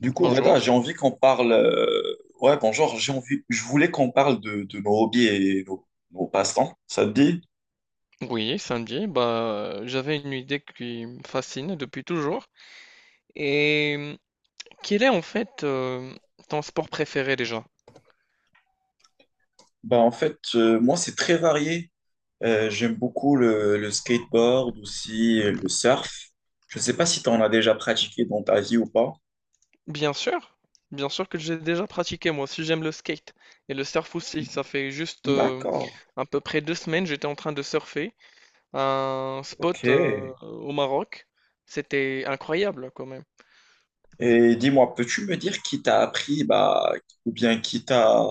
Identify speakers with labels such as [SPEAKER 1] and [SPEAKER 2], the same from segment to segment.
[SPEAKER 1] Du coup, Reda,
[SPEAKER 2] Bonjour.
[SPEAKER 1] j'ai envie qu'on parle. Ouais, bonjour, j'ai envie. Je voulais qu'on parle de nos hobbies et nos passe-temps. Ça te dit?
[SPEAKER 2] Oui, samedi, bah, j'avais une idée qui me fascine depuis toujours. Et hum, quel est en fait ton sport préféré déjà?
[SPEAKER 1] Bah, en fait, moi, c'est très varié. J'aime beaucoup le skateboard aussi, le surf. Je ne sais pas si tu en as déjà pratiqué dans ta vie ou pas.
[SPEAKER 2] Bien sûr, bien sûr que j'ai déjà pratiqué. Moi aussi, j'aime le skate et le surf aussi. Ça fait juste
[SPEAKER 1] D'accord,
[SPEAKER 2] à peu près 2 semaines, j'étais en train de surfer à un
[SPEAKER 1] ok.
[SPEAKER 2] spot au Maroc. C'était incroyable quand même.
[SPEAKER 1] Et dis-moi, peux-tu me dire qui t'a appris, bah, ou bien qui t'a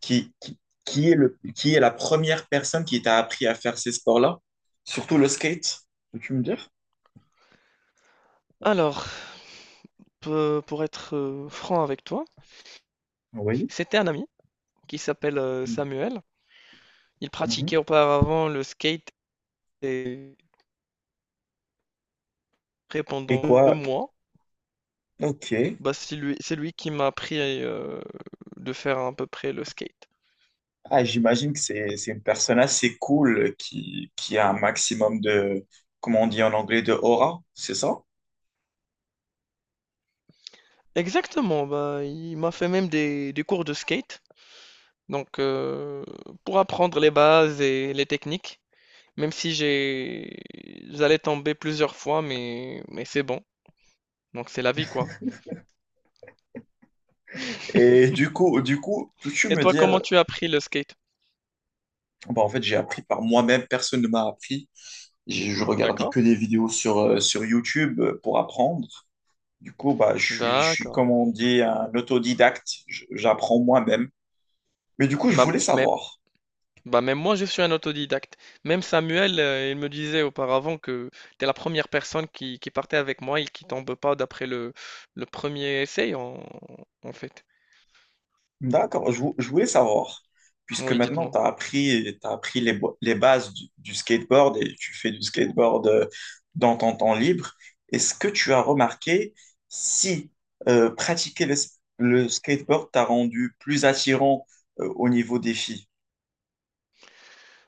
[SPEAKER 1] qui, qui, qui est qui est la première personne qui t'a appris à faire ces sports-là? Surtout le skate, peux-tu me dire?
[SPEAKER 2] Alors, pour être franc avec toi,
[SPEAKER 1] Oui.
[SPEAKER 2] c'était un ami qui s'appelle Samuel. Il
[SPEAKER 1] Mhm.
[SPEAKER 2] pratiquait auparavant le skate et
[SPEAKER 1] Et
[SPEAKER 2] pendant 2
[SPEAKER 1] quoi?
[SPEAKER 2] mois,
[SPEAKER 1] Ok.
[SPEAKER 2] bah, c'est lui qui m'a appris, de faire à peu près le skate.
[SPEAKER 1] Ah, j'imagine que c'est une personne assez cool qui a un maximum de, comment on dit en anglais, de aura, c'est ça?
[SPEAKER 2] Exactement, bah, il m'a fait même des cours de skate, donc heu, pour apprendre les bases et les techniques, même si j'allais tomber plusieurs fois, mais c'est bon, donc c'est la vie, quoi.
[SPEAKER 1] Et du coup, peux-tu
[SPEAKER 2] Et
[SPEAKER 1] me
[SPEAKER 2] toi,
[SPEAKER 1] dire,
[SPEAKER 2] comment tu as appris le skate?
[SPEAKER 1] bah, en fait, j'ai appris par moi-même, personne ne m'a appris. Je regardais
[SPEAKER 2] D'accord,
[SPEAKER 1] que des vidéos sur, sur YouTube pour apprendre. Du coup, bah, je suis,
[SPEAKER 2] d'accord.
[SPEAKER 1] comme on dit, un autodidacte. J'apprends moi-même. Mais du coup, je
[SPEAKER 2] Bah,
[SPEAKER 1] voulais
[SPEAKER 2] m
[SPEAKER 1] savoir.
[SPEAKER 2] Bah même moi je suis un autodidacte. Même Samuel, il me disait auparavant que tu es la première personne qui partait avec moi et qui tombe pas d'après le premier essai en fait.
[SPEAKER 1] D'accord, je voulais savoir. Puisque
[SPEAKER 2] Oui,
[SPEAKER 1] maintenant,
[SPEAKER 2] dites-moi.
[SPEAKER 1] tu as appris, t'as appris les bases du skateboard et tu fais du skateboard dans ton temps libre. Est-ce que tu as remarqué si pratiquer le skateboard t'a rendu plus attirant au niveau des filles?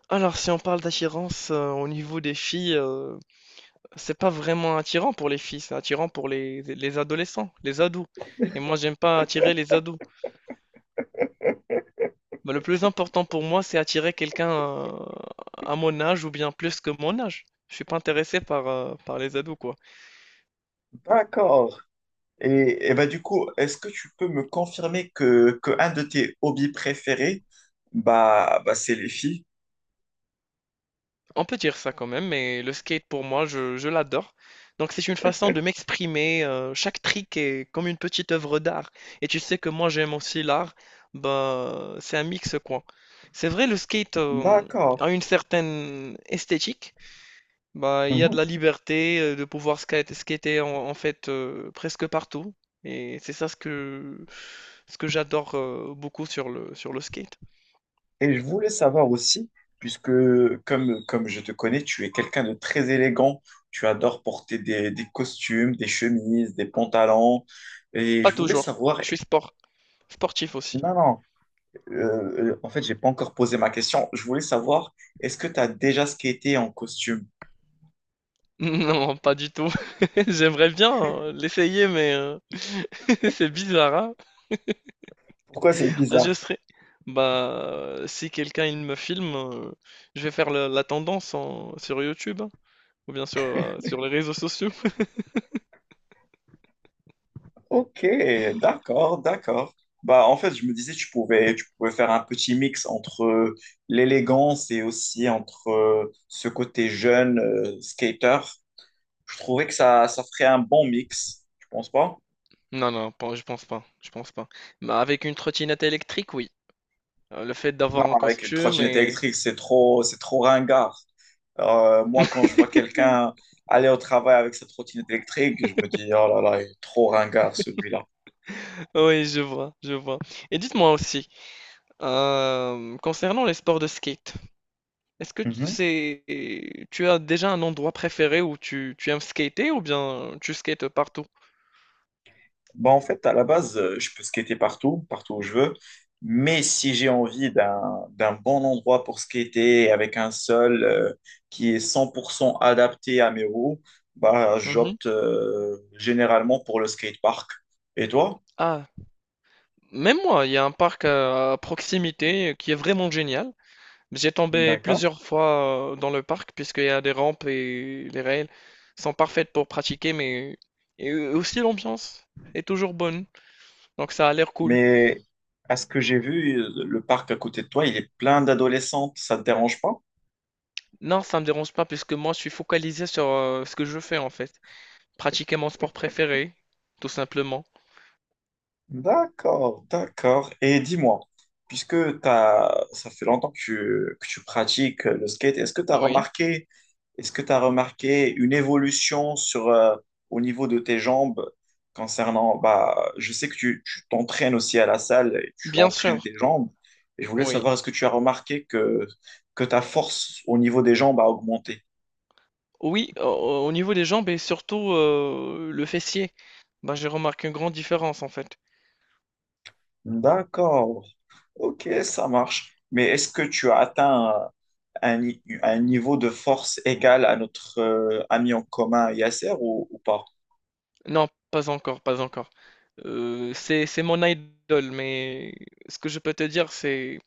[SPEAKER 2] Alors si on parle d'attirance au niveau des filles, c'est pas vraiment attirant pour les filles, c'est attirant pour les adolescents, les ados. Et moi j'aime pas attirer les ados. Bah, le plus important pour moi c'est attirer quelqu'un à mon âge ou bien plus que mon âge. Je suis pas intéressé par, par les ados quoi.
[SPEAKER 1] D'accord. Et bah, du coup, est-ce que tu peux me confirmer que un de tes hobbies préférés, bah, c'est les filles?
[SPEAKER 2] On peut dire ça quand même, mais le skate pour moi, je l'adore. Donc c'est une façon de m'exprimer. Chaque trick est comme une petite œuvre d'art. Et tu sais que moi j'aime aussi l'art. Bah, c'est un mix quoi. C'est vrai, le skate
[SPEAKER 1] D'accord.
[SPEAKER 2] a une certaine esthétique. Bah, il y a de
[SPEAKER 1] Mhm.
[SPEAKER 2] la liberté de pouvoir skater en fait presque partout. Et c'est ça ce que j'adore beaucoup sur sur le skate.
[SPEAKER 1] Et je voulais savoir aussi, puisque comme je te connais, tu es quelqu'un de très élégant, tu adores porter des costumes, des chemises, des pantalons, et je
[SPEAKER 2] Pas
[SPEAKER 1] voulais
[SPEAKER 2] toujours.
[SPEAKER 1] savoir,
[SPEAKER 2] Je suis sportif aussi.
[SPEAKER 1] non, en fait, j'ai pas encore posé ma question, je voulais savoir, est-ce que tu as déjà skaté en costume?
[SPEAKER 2] Non, pas du tout. J'aimerais bien, l'essayer c'est bizarre, hein?
[SPEAKER 1] Pourquoi c'est
[SPEAKER 2] Ah,
[SPEAKER 1] bizarre?
[SPEAKER 2] si quelqu'un il me filme, je vais faire la tendance en sur YouTube, hein, ou bien sur, sur les réseaux sociaux.
[SPEAKER 1] Ok, d'accord. Bah, en fait, je me disais, tu pouvais faire un petit mix entre l'élégance et aussi entre ce côté jeune, skater. Je trouvais que ça ferait un bon mix, tu penses pas?
[SPEAKER 2] Non, non, pas je pense pas, je pense pas. Bah, avec une trottinette électrique, oui. Le fait
[SPEAKER 1] Non,
[SPEAKER 2] d'avoir un
[SPEAKER 1] avec une
[SPEAKER 2] costume
[SPEAKER 1] trottinette
[SPEAKER 2] et
[SPEAKER 1] électrique, c'est trop ringard. Moi, quand je vois quelqu'un aller au travail avec sa trottinette électrique, je me dis, oh là là, il est trop ringard celui-là.
[SPEAKER 2] oui, je vois, je vois. Et dites-moi aussi, concernant les sports de skate, est-ce que t c'est tu as déjà un endroit préféré où tu aimes skater ou bien tu skates partout?
[SPEAKER 1] Bah, en fait, à la base, je peux skater partout, partout où je veux. Mais si j'ai envie d'un bon endroit pour skater avec un sol qui est 100% adapté à mes roues, bah,
[SPEAKER 2] Mhm.
[SPEAKER 1] j'opte généralement pour le skatepark. Et toi?
[SPEAKER 2] Ah, même moi, il y a un parc à proximité qui est vraiment génial. J'ai tombé
[SPEAKER 1] D'accord.
[SPEAKER 2] plusieurs fois dans le parc puisqu'il y a des rampes et les rails sont parfaites pour pratiquer, mais et aussi l'ambiance est toujours bonne, donc ça a l'air cool.
[SPEAKER 1] Mais à ce que j'ai vu, le parc à côté de toi, il est plein d'adolescentes. Ça ne te dérange pas?
[SPEAKER 2] Non, ça me dérange pas puisque moi je suis focalisé sur ce que je fais en fait, pratiquer mon sport préféré, tout simplement.
[SPEAKER 1] D'accord, d'accord. Et dis-moi, puisque t'as, ça fait longtemps que tu pratiques le skate, est-ce que tu as
[SPEAKER 2] Oui,
[SPEAKER 1] remarqué, est-ce que tu remarqué une évolution sur, au niveau de tes jambes concernant, bah, je sais que tu t'entraînes aussi à la salle et tu
[SPEAKER 2] bien
[SPEAKER 1] entraînes
[SPEAKER 2] sûr,
[SPEAKER 1] tes jambes. Et je voulais
[SPEAKER 2] oui.
[SPEAKER 1] savoir, est-ce que tu as remarqué que ta force au niveau des jambes a augmenté?
[SPEAKER 2] Oui, au, au niveau des jambes et surtout le fessier, bah, j'ai remarqué une grande différence en fait.
[SPEAKER 1] D'accord, ok, ça marche. Mais est-ce que tu as atteint un, ni- un niveau de force égal à notre ami en commun Yasser ou pas?
[SPEAKER 2] Non, pas encore, pas encore. C'est mon idole, mais ce que je peux te dire, c'est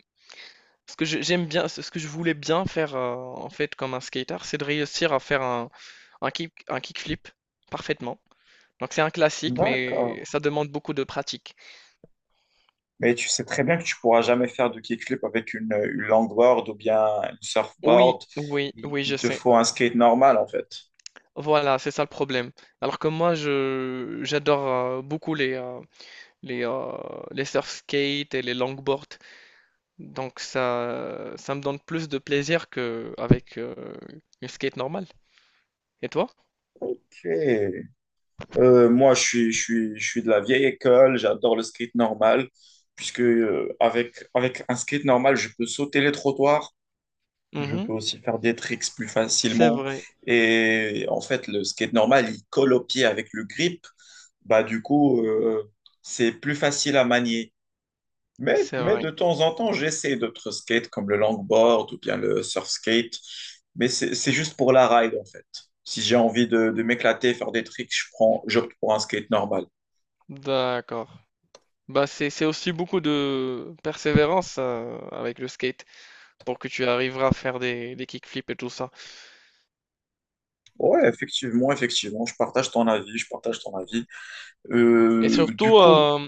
[SPEAKER 2] ce que j'aime bien, ce que je voulais bien faire en fait comme un skater, c'est de réussir à faire un kick, un kickflip parfaitement. Donc c'est un classique,
[SPEAKER 1] D'accord.
[SPEAKER 2] mais ça demande beaucoup de pratique.
[SPEAKER 1] Mais tu sais très bien que tu pourras jamais faire de kickflip avec une longboard ou bien une
[SPEAKER 2] Oui,
[SPEAKER 1] surfboard.
[SPEAKER 2] oui, oui, je
[SPEAKER 1] Il te
[SPEAKER 2] sais.
[SPEAKER 1] faut un skate normal en fait.
[SPEAKER 2] Voilà, c'est ça le problème. Alors que moi, je j'adore beaucoup les euh, les surf skates et les longboards. Donc ça me donne plus de plaisir qu'avec une skate normale. Et toi?
[SPEAKER 1] Ok. Moi, je suis de la vieille école, j'adore le skate normal, puisque avec, avec un skate normal, je peux sauter les trottoirs, je
[SPEAKER 2] Mhm.
[SPEAKER 1] peux aussi faire des tricks plus
[SPEAKER 2] C'est
[SPEAKER 1] facilement.
[SPEAKER 2] vrai,
[SPEAKER 1] Et en fait, le skate normal, il colle au pied avec le grip. Bah, du coup, c'est plus facile à manier.
[SPEAKER 2] c'est
[SPEAKER 1] Mais
[SPEAKER 2] vrai.
[SPEAKER 1] de temps en temps, j'essaie d'autres skates comme le longboard ou bien le surf skate. Mais c'est juste pour la ride, en fait. Si j'ai envie de m'éclater, faire des tricks, j'opte pour un skate normal.
[SPEAKER 2] D'accord. Bah c'est aussi beaucoup de persévérance avec le skate pour que tu arriveras à faire des kickflips et tout ça.
[SPEAKER 1] Ouais, effectivement, effectivement, je partage ton avis.
[SPEAKER 2] Et
[SPEAKER 1] Du
[SPEAKER 2] surtout,
[SPEAKER 1] coup,
[SPEAKER 2] euh,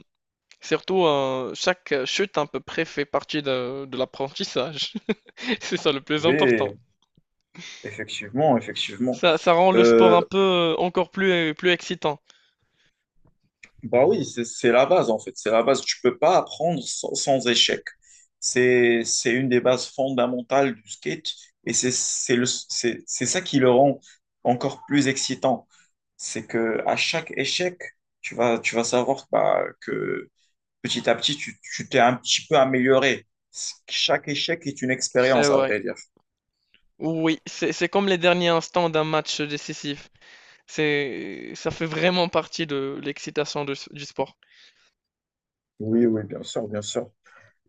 [SPEAKER 2] Surtout chaque chute à peu près fait partie de l'apprentissage. C'est ça le plus important.
[SPEAKER 1] oui, effectivement, effectivement.
[SPEAKER 2] Ça rend le sport un
[SPEAKER 1] Euh,
[SPEAKER 2] peu encore plus, plus excitant.
[SPEAKER 1] bah oui, c'est la base en fait, c'est la base. Tu peux pas apprendre sans, sans échec. C'est une des bases fondamentales du skate et c'est ça qui le rend encore plus excitant. C'est que à chaque échec, tu vas savoir bah, que petit à petit, tu t'es un petit peu amélioré. Chaque échec est une
[SPEAKER 2] C'est
[SPEAKER 1] expérience, à
[SPEAKER 2] vrai.
[SPEAKER 1] vrai dire.
[SPEAKER 2] Oui, c'est comme les derniers instants d'un match décisif. Ça fait vraiment partie de l'excitation de du sport.
[SPEAKER 1] Oui, oui, bien sûr, bien sûr.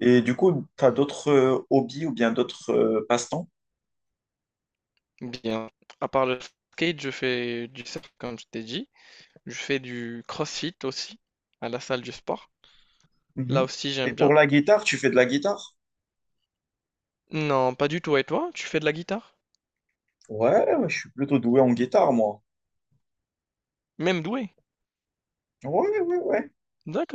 [SPEAKER 1] Et du coup, tu as d'autres hobbies ou bien d'autres passe-temps?
[SPEAKER 2] Bien, à part le skate, je fais du surf, comme je t'ai dit. Je fais du crossfit aussi, à la salle du sport. Là
[SPEAKER 1] Mhm.
[SPEAKER 2] aussi,
[SPEAKER 1] Et
[SPEAKER 2] j'aime
[SPEAKER 1] pour
[SPEAKER 2] bien.
[SPEAKER 1] la guitare, tu fais de la guitare?
[SPEAKER 2] Non, pas du tout. Et toi, tu fais de la guitare?
[SPEAKER 1] Ouais, ouais, je suis plutôt doué en guitare, moi.
[SPEAKER 2] Même doué?
[SPEAKER 1] Ouais, ouais, ouais.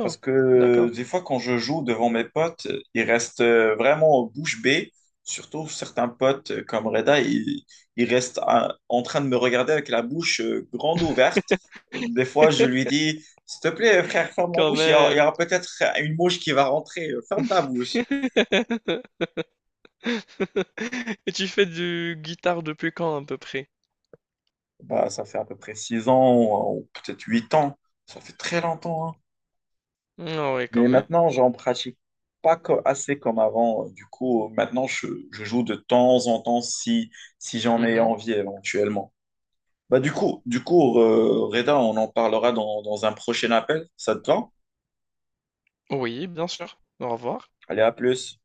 [SPEAKER 1] Parce que
[SPEAKER 2] d'accord.
[SPEAKER 1] des fois, quand je joue devant mes potes, ils restent vraiment bouche bée. Surtout certains potes comme Reda, ils restent en train de me regarder avec la bouche grande ouverte. Des fois, je lui dis, s'il te plaît, frère, ferme la
[SPEAKER 2] Quand
[SPEAKER 1] bouche. Il
[SPEAKER 2] même.
[SPEAKER 1] y aura peut-être une mouche qui va rentrer. Ferme ta bouche.
[SPEAKER 2] Et tu fais du guitare depuis quand à peu près?
[SPEAKER 1] Bah, ça fait à peu près 6 ans, ou peut-être 8 ans. Ça fait très longtemps, hein.
[SPEAKER 2] Ah ouais, quand
[SPEAKER 1] Mais
[SPEAKER 2] même.
[SPEAKER 1] maintenant, j'en pratique pas co- assez comme avant. Du coup, maintenant, je joue de temps en temps si j'en ai
[SPEAKER 2] Mhm.
[SPEAKER 1] envie éventuellement. Bah, Reda, on en parlera dans un prochain appel. Ça te va?
[SPEAKER 2] Oui, bien sûr. Au revoir.
[SPEAKER 1] Allez, à plus.